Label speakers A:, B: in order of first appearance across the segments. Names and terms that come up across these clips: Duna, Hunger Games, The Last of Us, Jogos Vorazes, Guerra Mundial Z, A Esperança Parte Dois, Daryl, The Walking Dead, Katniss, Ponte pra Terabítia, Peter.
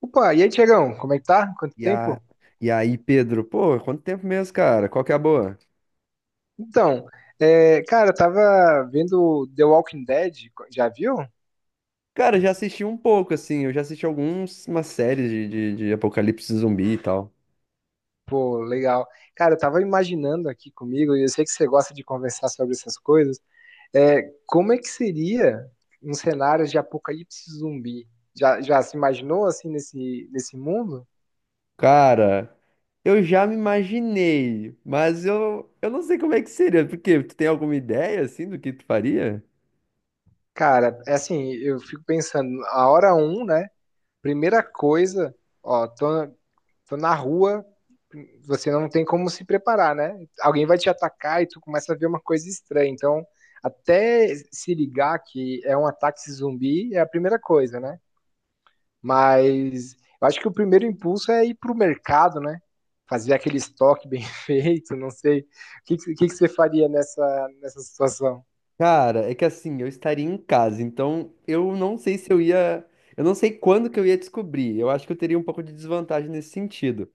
A: Opa, e aí, Tiagão, como é que tá? Quanto
B: E, a...
A: tempo?
B: e aí, Pedro, pô, quanto tempo mesmo, cara? Qual que é a boa?
A: Então, cara, eu tava vendo The Walking Dead, já viu?
B: Cara, eu já assisti um pouco, assim, eu já assisti algumas umas séries de apocalipse zumbi e tal.
A: Pô, legal. Cara, eu tava imaginando aqui comigo, e eu sei que você gosta de conversar sobre essas coisas, como é que seria um cenário de apocalipse zumbi? Já se imaginou, assim, nesse mundo?
B: Cara, eu já me imaginei, mas eu não sei como é que seria, porque tu tem alguma ideia, assim, do que tu faria?
A: Cara, é assim, eu fico pensando, a hora um, né? Primeira coisa, ó, tô, então, na rua, você não tem como se preparar, né? Alguém vai te atacar e tu começa a ver uma coisa estranha. Então, até se ligar que é um ataque zumbi é a primeira coisa, né? Mas eu acho que o primeiro impulso é ir pro mercado, né? Fazer aquele estoque bem feito, não sei. O que você faria nessa, nessa situação?
B: Cara, é que assim, eu estaria em casa, então eu não sei se eu ia. Eu não sei quando que eu ia descobrir. Eu acho que eu teria um pouco de desvantagem nesse sentido.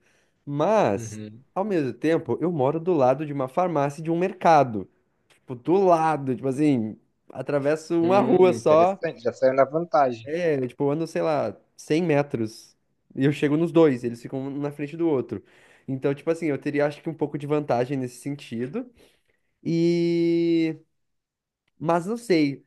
B: Mas,
A: Uhum.
B: ao mesmo tempo, eu moro do lado de uma farmácia e de um mercado. Tipo, do lado, tipo assim, atravesso uma rua só.
A: Interessante, já saiu na vantagem.
B: É, tipo, eu ando, sei lá, 100 metros. E eu chego nos dois, eles ficam um na frente do outro. Então, tipo assim, eu teria acho que um pouco de vantagem nesse sentido. E. Mas não sei.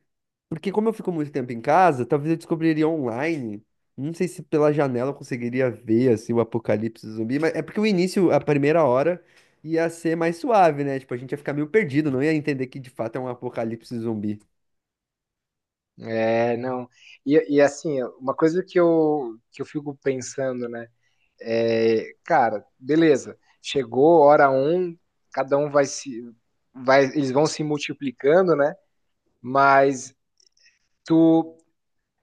B: Porque como eu fico muito tempo em casa, talvez eu descobriria online. Não sei se pela janela eu conseguiria ver assim o apocalipse zumbi, mas é porque o início, a primeira hora, ia ser mais suave, né? Tipo, a gente ia ficar meio perdido, não ia entender que de fato é um apocalipse zumbi.
A: É, não. E assim, uma coisa que eu fico pensando, né? É, cara, beleza. Chegou hora um, cada um vai se, vai, eles vão se multiplicando, né? Mas tu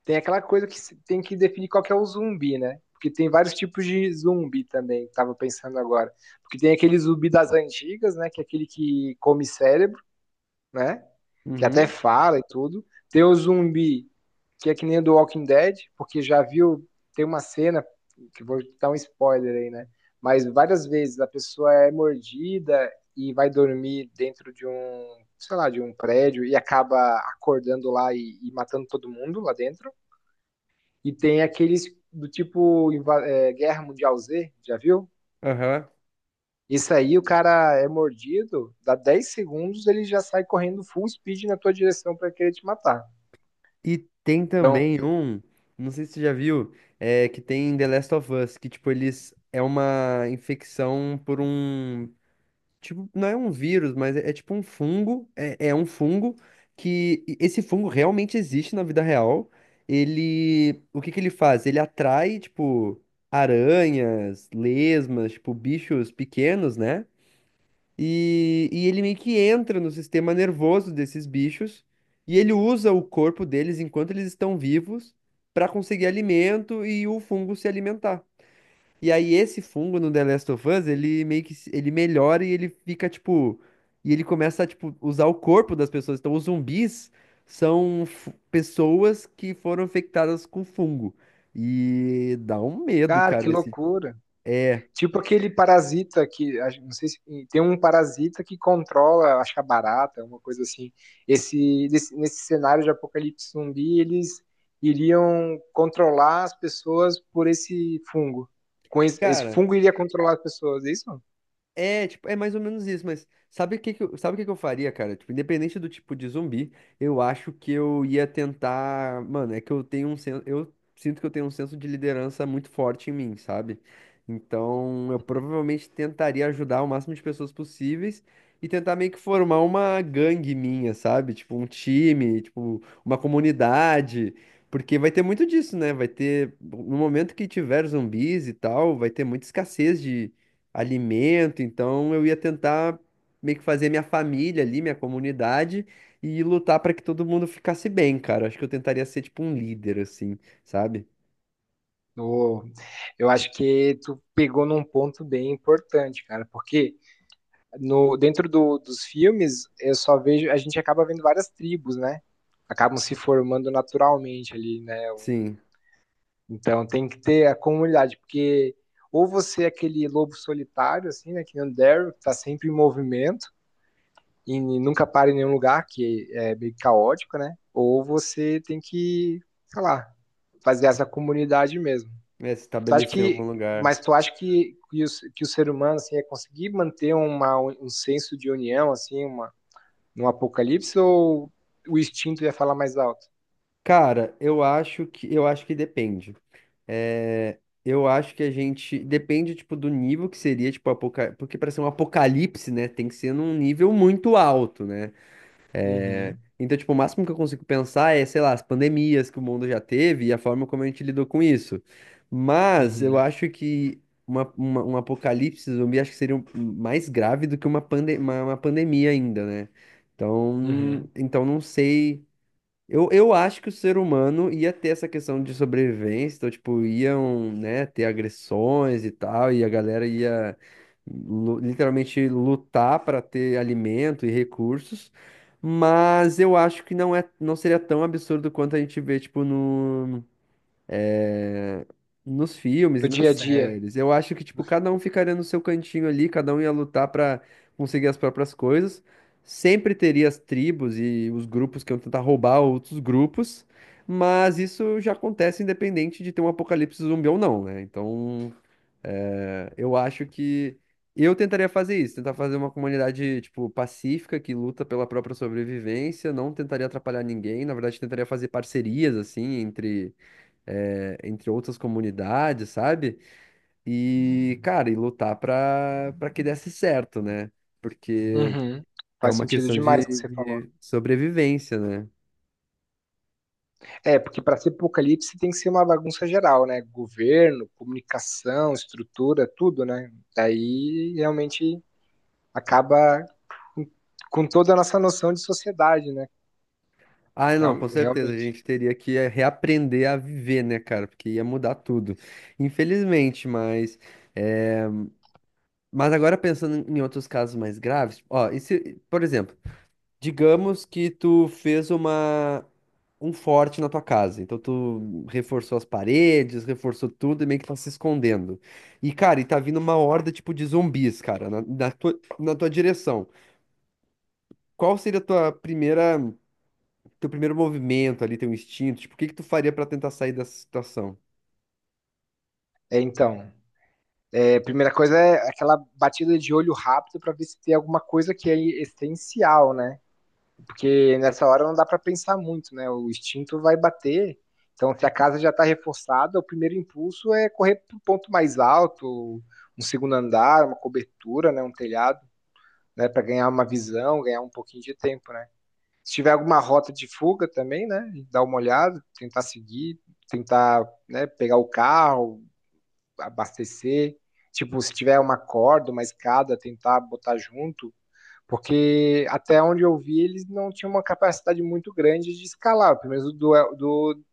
A: tem aquela coisa que se- tem que definir qual que é o zumbi, né? Porque tem vários tipos de zumbi também, tava pensando agora. Porque tem aquele zumbi das antigas, né? Que é aquele que come cérebro, né? Que até
B: Uhum.
A: fala e tudo. Tem o zumbi que é que nem o do Walking Dead, porque já viu, tem uma cena que vou dar um spoiler aí, né? Mas várias vezes a pessoa é mordida e vai dormir dentro de um, sei lá, de um prédio e acaba acordando lá e matando todo mundo lá dentro. E tem aqueles do tipo Guerra Mundial Z, já viu?
B: Aham.
A: Isso aí, o cara é mordido, dá 10 segundos, ele já sai correndo full speed na tua direção para querer te matar.
B: E tem
A: Então,
B: também não sei se você já viu, é que tem em The Last of Us, que tipo, eles é uma infecção por um. Tipo, não é um vírus, mas é tipo um fungo. É um fungo que. Esse fungo realmente existe na vida real. Ele. O que que ele faz? Ele atrai, tipo, aranhas, lesmas, tipo, bichos pequenos, né? E ele meio que entra no sistema nervoso desses bichos. E ele usa o corpo deles enquanto eles estão vivos para conseguir alimento e o fungo se alimentar. E aí esse fungo no The Last of Us, ele meio que ele melhora e ele fica tipo e ele começa a tipo usar o corpo das pessoas. Então os zumbis são pessoas que foram infectadas com fungo. E dá um medo,
A: cara, que
B: cara, esse
A: loucura.
B: é,
A: Tipo aquele parasita não sei se tem um parasita que controla, acho que a barata, uma coisa assim. Nesse cenário de apocalipse zumbi, eles iriam controlar as pessoas por esse fungo. Com esse
B: cara.
A: fungo iria controlar as pessoas, é isso?
B: É, tipo, é mais ou menos isso, mas sabe o que que eu, sabe o que que eu faria, cara? Tipo, independente do tipo de zumbi, eu acho que eu ia tentar, mano, é que eu tenho um senso, eu sinto que eu tenho um senso de liderança muito forte em mim, sabe? Então, eu provavelmente tentaria ajudar o máximo de pessoas possíveis e tentar meio que formar uma gangue minha, sabe? Tipo, um time, tipo, uma comunidade, porque vai ter muito disso, né? Vai ter, no momento que tiver zumbis e tal, vai ter muita escassez de alimento, então eu ia tentar meio que fazer minha família ali, minha comunidade e lutar para que todo mundo ficasse bem, cara. Acho que eu tentaria ser tipo um líder assim, sabe?
A: Ô, eu acho que tu pegou num ponto bem importante, cara, porque no, dentro dos filmes, eu só vejo, a gente acaba vendo várias tribos, né? Acabam se formando naturalmente ali, né?
B: Sim,
A: Então tem que ter a comunidade, porque ou você é aquele lobo solitário, assim, né? Que nem o Daryl, que tá sempre em movimento e nunca para em nenhum lugar, que é meio caótico, né? Ou você tem que, sei lá, fazer essa comunidade mesmo.
B: é se
A: Tu acha
B: estabelecer em
A: que,
B: algum lugar.
A: mas tu acha que o ser humano, assim, é conseguir manter um senso de união, assim, uma, no Apocalipse ou o instinto ia falar mais alto?
B: Cara, eu acho que depende. É, eu acho que a gente depende tipo do nível que seria, tipo apoca... porque para ser um apocalipse, né, tem que ser num nível muito alto, né?
A: Uhum,
B: Então, tipo, o máximo que eu consigo pensar é, sei lá, as pandemias que o mundo já teve e a forma como a gente lidou com isso. Mas eu
A: uhum,
B: acho que um apocalipse zumbi acho que seria mais grave do que uma pandemia ainda, né? Então,
A: uhum.
B: então não sei. Eu acho que o ser humano ia ter essa questão de sobrevivência, então, tipo, iam, né, ter agressões e tal, e a galera ia literalmente lutar para ter alimento e recursos, mas eu acho que não é, não seria tão absurdo quanto a gente vê, tipo, no, nos filmes e
A: No
B: nas
A: dia a dia.
B: séries. Eu acho que, tipo, cada um ficaria no seu cantinho ali, cada um ia lutar pra conseguir as próprias coisas. Sempre teria as tribos e os grupos que iam tentar roubar outros grupos, mas isso já acontece independente de ter um apocalipse zumbi ou não, né? Então, é, eu acho que eu tentaria fazer isso, tentar fazer uma comunidade, tipo, pacífica, que luta pela própria sobrevivência, não tentaria atrapalhar ninguém, na verdade, tentaria fazer parcerias, assim, entre outras comunidades, sabe? E, cara, e lutar para que desse certo, né? Porque
A: Uhum.
B: é
A: Faz
B: uma
A: sentido
B: questão de,
A: demais o que você falou.
B: de sobrevivência, né?
A: É, porque para ser apocalipse tem que ser uma bagunça geral, né? Governo, comunicação, estrutura, tudo, né? Daí realmente acaba com- com toda a nossa noção de sociedade, né?
B: Ah, não, com certeza, a
A: Realmente.
B: gente teria que reaprender a viver, né, cara? Porque ia mudar tudo. Infelizmente, eh, mas agora pensando em outros casos mais graves, ó, e se, por exemplo. Digamos que tu fez uma um forte na tua casa. Então tu reforçou as paredes, reforçou tudo e meio que tá se escondendo. E cara, e tá vindo uma horda tipo de zumbis, cara, na tua direção. Qual seria a tua primeira Teu primeiro movimento ali, teu instinto? Tipo, o que que tu faria pra tentar sair dessa situação?
A: É, então, a primeira coisa é aquela batida de olho rápido para ver se tem alguma coisa que é essencial, né? Porque nessa hora não dá para pensar muito, né? O instinto vai bater. Então, se a casa já está reforçada, o primeiro impulso é correr para um ponto mais alto, um segundo andar, uma cobertura, né? Um telhado, né? Para ganhar uma visão, ganhar um pouquinho de tempo, né? Se tiver alguma rota de fuga também, né? Dar uma olhada, tentar seguir, tentar, né, pegar o carro, abastecer. Tipo, se tiver uma corda, uma escada, tentar botar junto, porque até onde eu vi, eles não tinham uma capacidade muito grande de escalar, pelo menos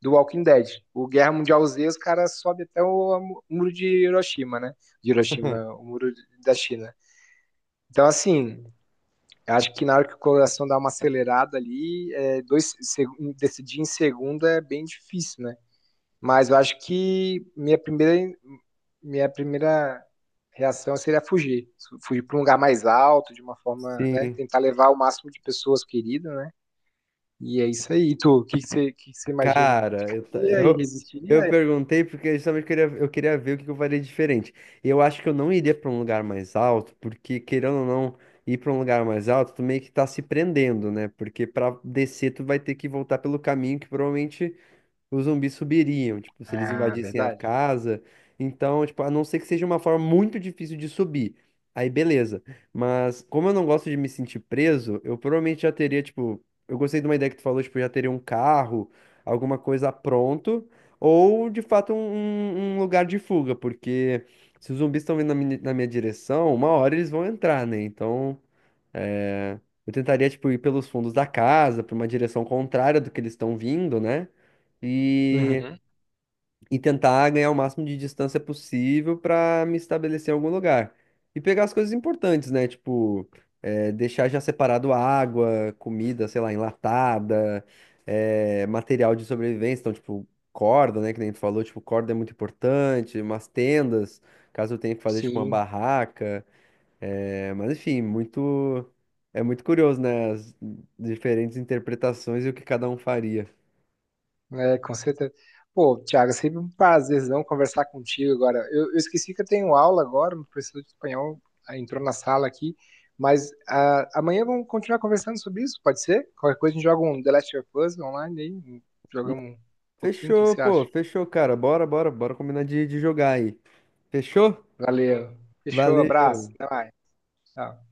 A: do Walking Dead. O Guerra Mundial Z, os caras sobem até o muro de Hiroshima, né? De Hiroshima, o muro da China. Então, assim, eu acho que na hora que o coração dá uma acelerada ali, decidir em segunda é bem difícil, né? Mas eu acho que minha primeira reação seria fugir. Fugir para um lugar mais alto, de uma forma, né?
B: Sim.
A: Tentar levar o máximo de pessoas queridas, né? E é isso aí. E tu, o que que você imagina?
B: Cara,
A: Ficaria e
B: eu
A: resistiria?
B: perguntei porque justamente eu queria ver o que que eu faria diferente. E eu acho que eu não iria para um lugar mais alto, porque querendo ou não ir para um lugar mais alto, tu meio que tá se prendendo, né? Porque para descer tu vai ter que voltar pelo caminho que provavelmente os zumbis subiriam, tipo, se eles
A: Ah,
B: invadissem a
A: verdade.
B: casa. Então, tipo, a não ser que seja uma forma muito difícil de subir. Aí, beleza. Mas, como eu não gosto de me sentir preso, eu provavelmente já teria, tipo, eu gostei de uma ideia que tu falou, tipo, já teria um carro, alguma coisa pronto, ou de fato um lugar de fuga, porque se os zumbis estão vindo na minha direção, uma hora eles vão entrar, né? Então. É, eu tentaria, tipo, ir pelos fundos da casa, para uma direção contrária do que eles estão vindo, né? E,
A: Uhum.
B: e tentar ganhar o máximo de distância possível para me estabelecer em algum lugar. E pegar as coisas importantes, né? Tipo, deixar já separado água, comida, sei lá, enlatada, material de sobrevivência. Então, tipo, corda, né? Que nem tu falou, tipo, corda é muito importante, umas tendas, caso eu tenha que fazer, tipo, uma
A: Sim.
B: barraca. É, mas enfim, muito é muito curioso, né? As diferentes interpretações e o que cada um faria.
A: É, com certeza. Pô, Thiago, é sempre um prazerzão conversar contigo agora. Eu esqueci que eu tenho aula agora, meu professor de espanhol ah, entrou na sala aqui, mas ah, amanhã vamos continuar conversando sobre isso, pode ser? Qualquer coisa a gente joga um The Last of Us online aí, jogamos um pouquinho, o que que
B: Fechou,
A: você acha?
B: pô, fechou, cara. Bora, bora, bora combinar de jogar aí. Fechou?
A: Valeu. Fechou, abraço,
B: Valeu.
A: até mais. Tchau.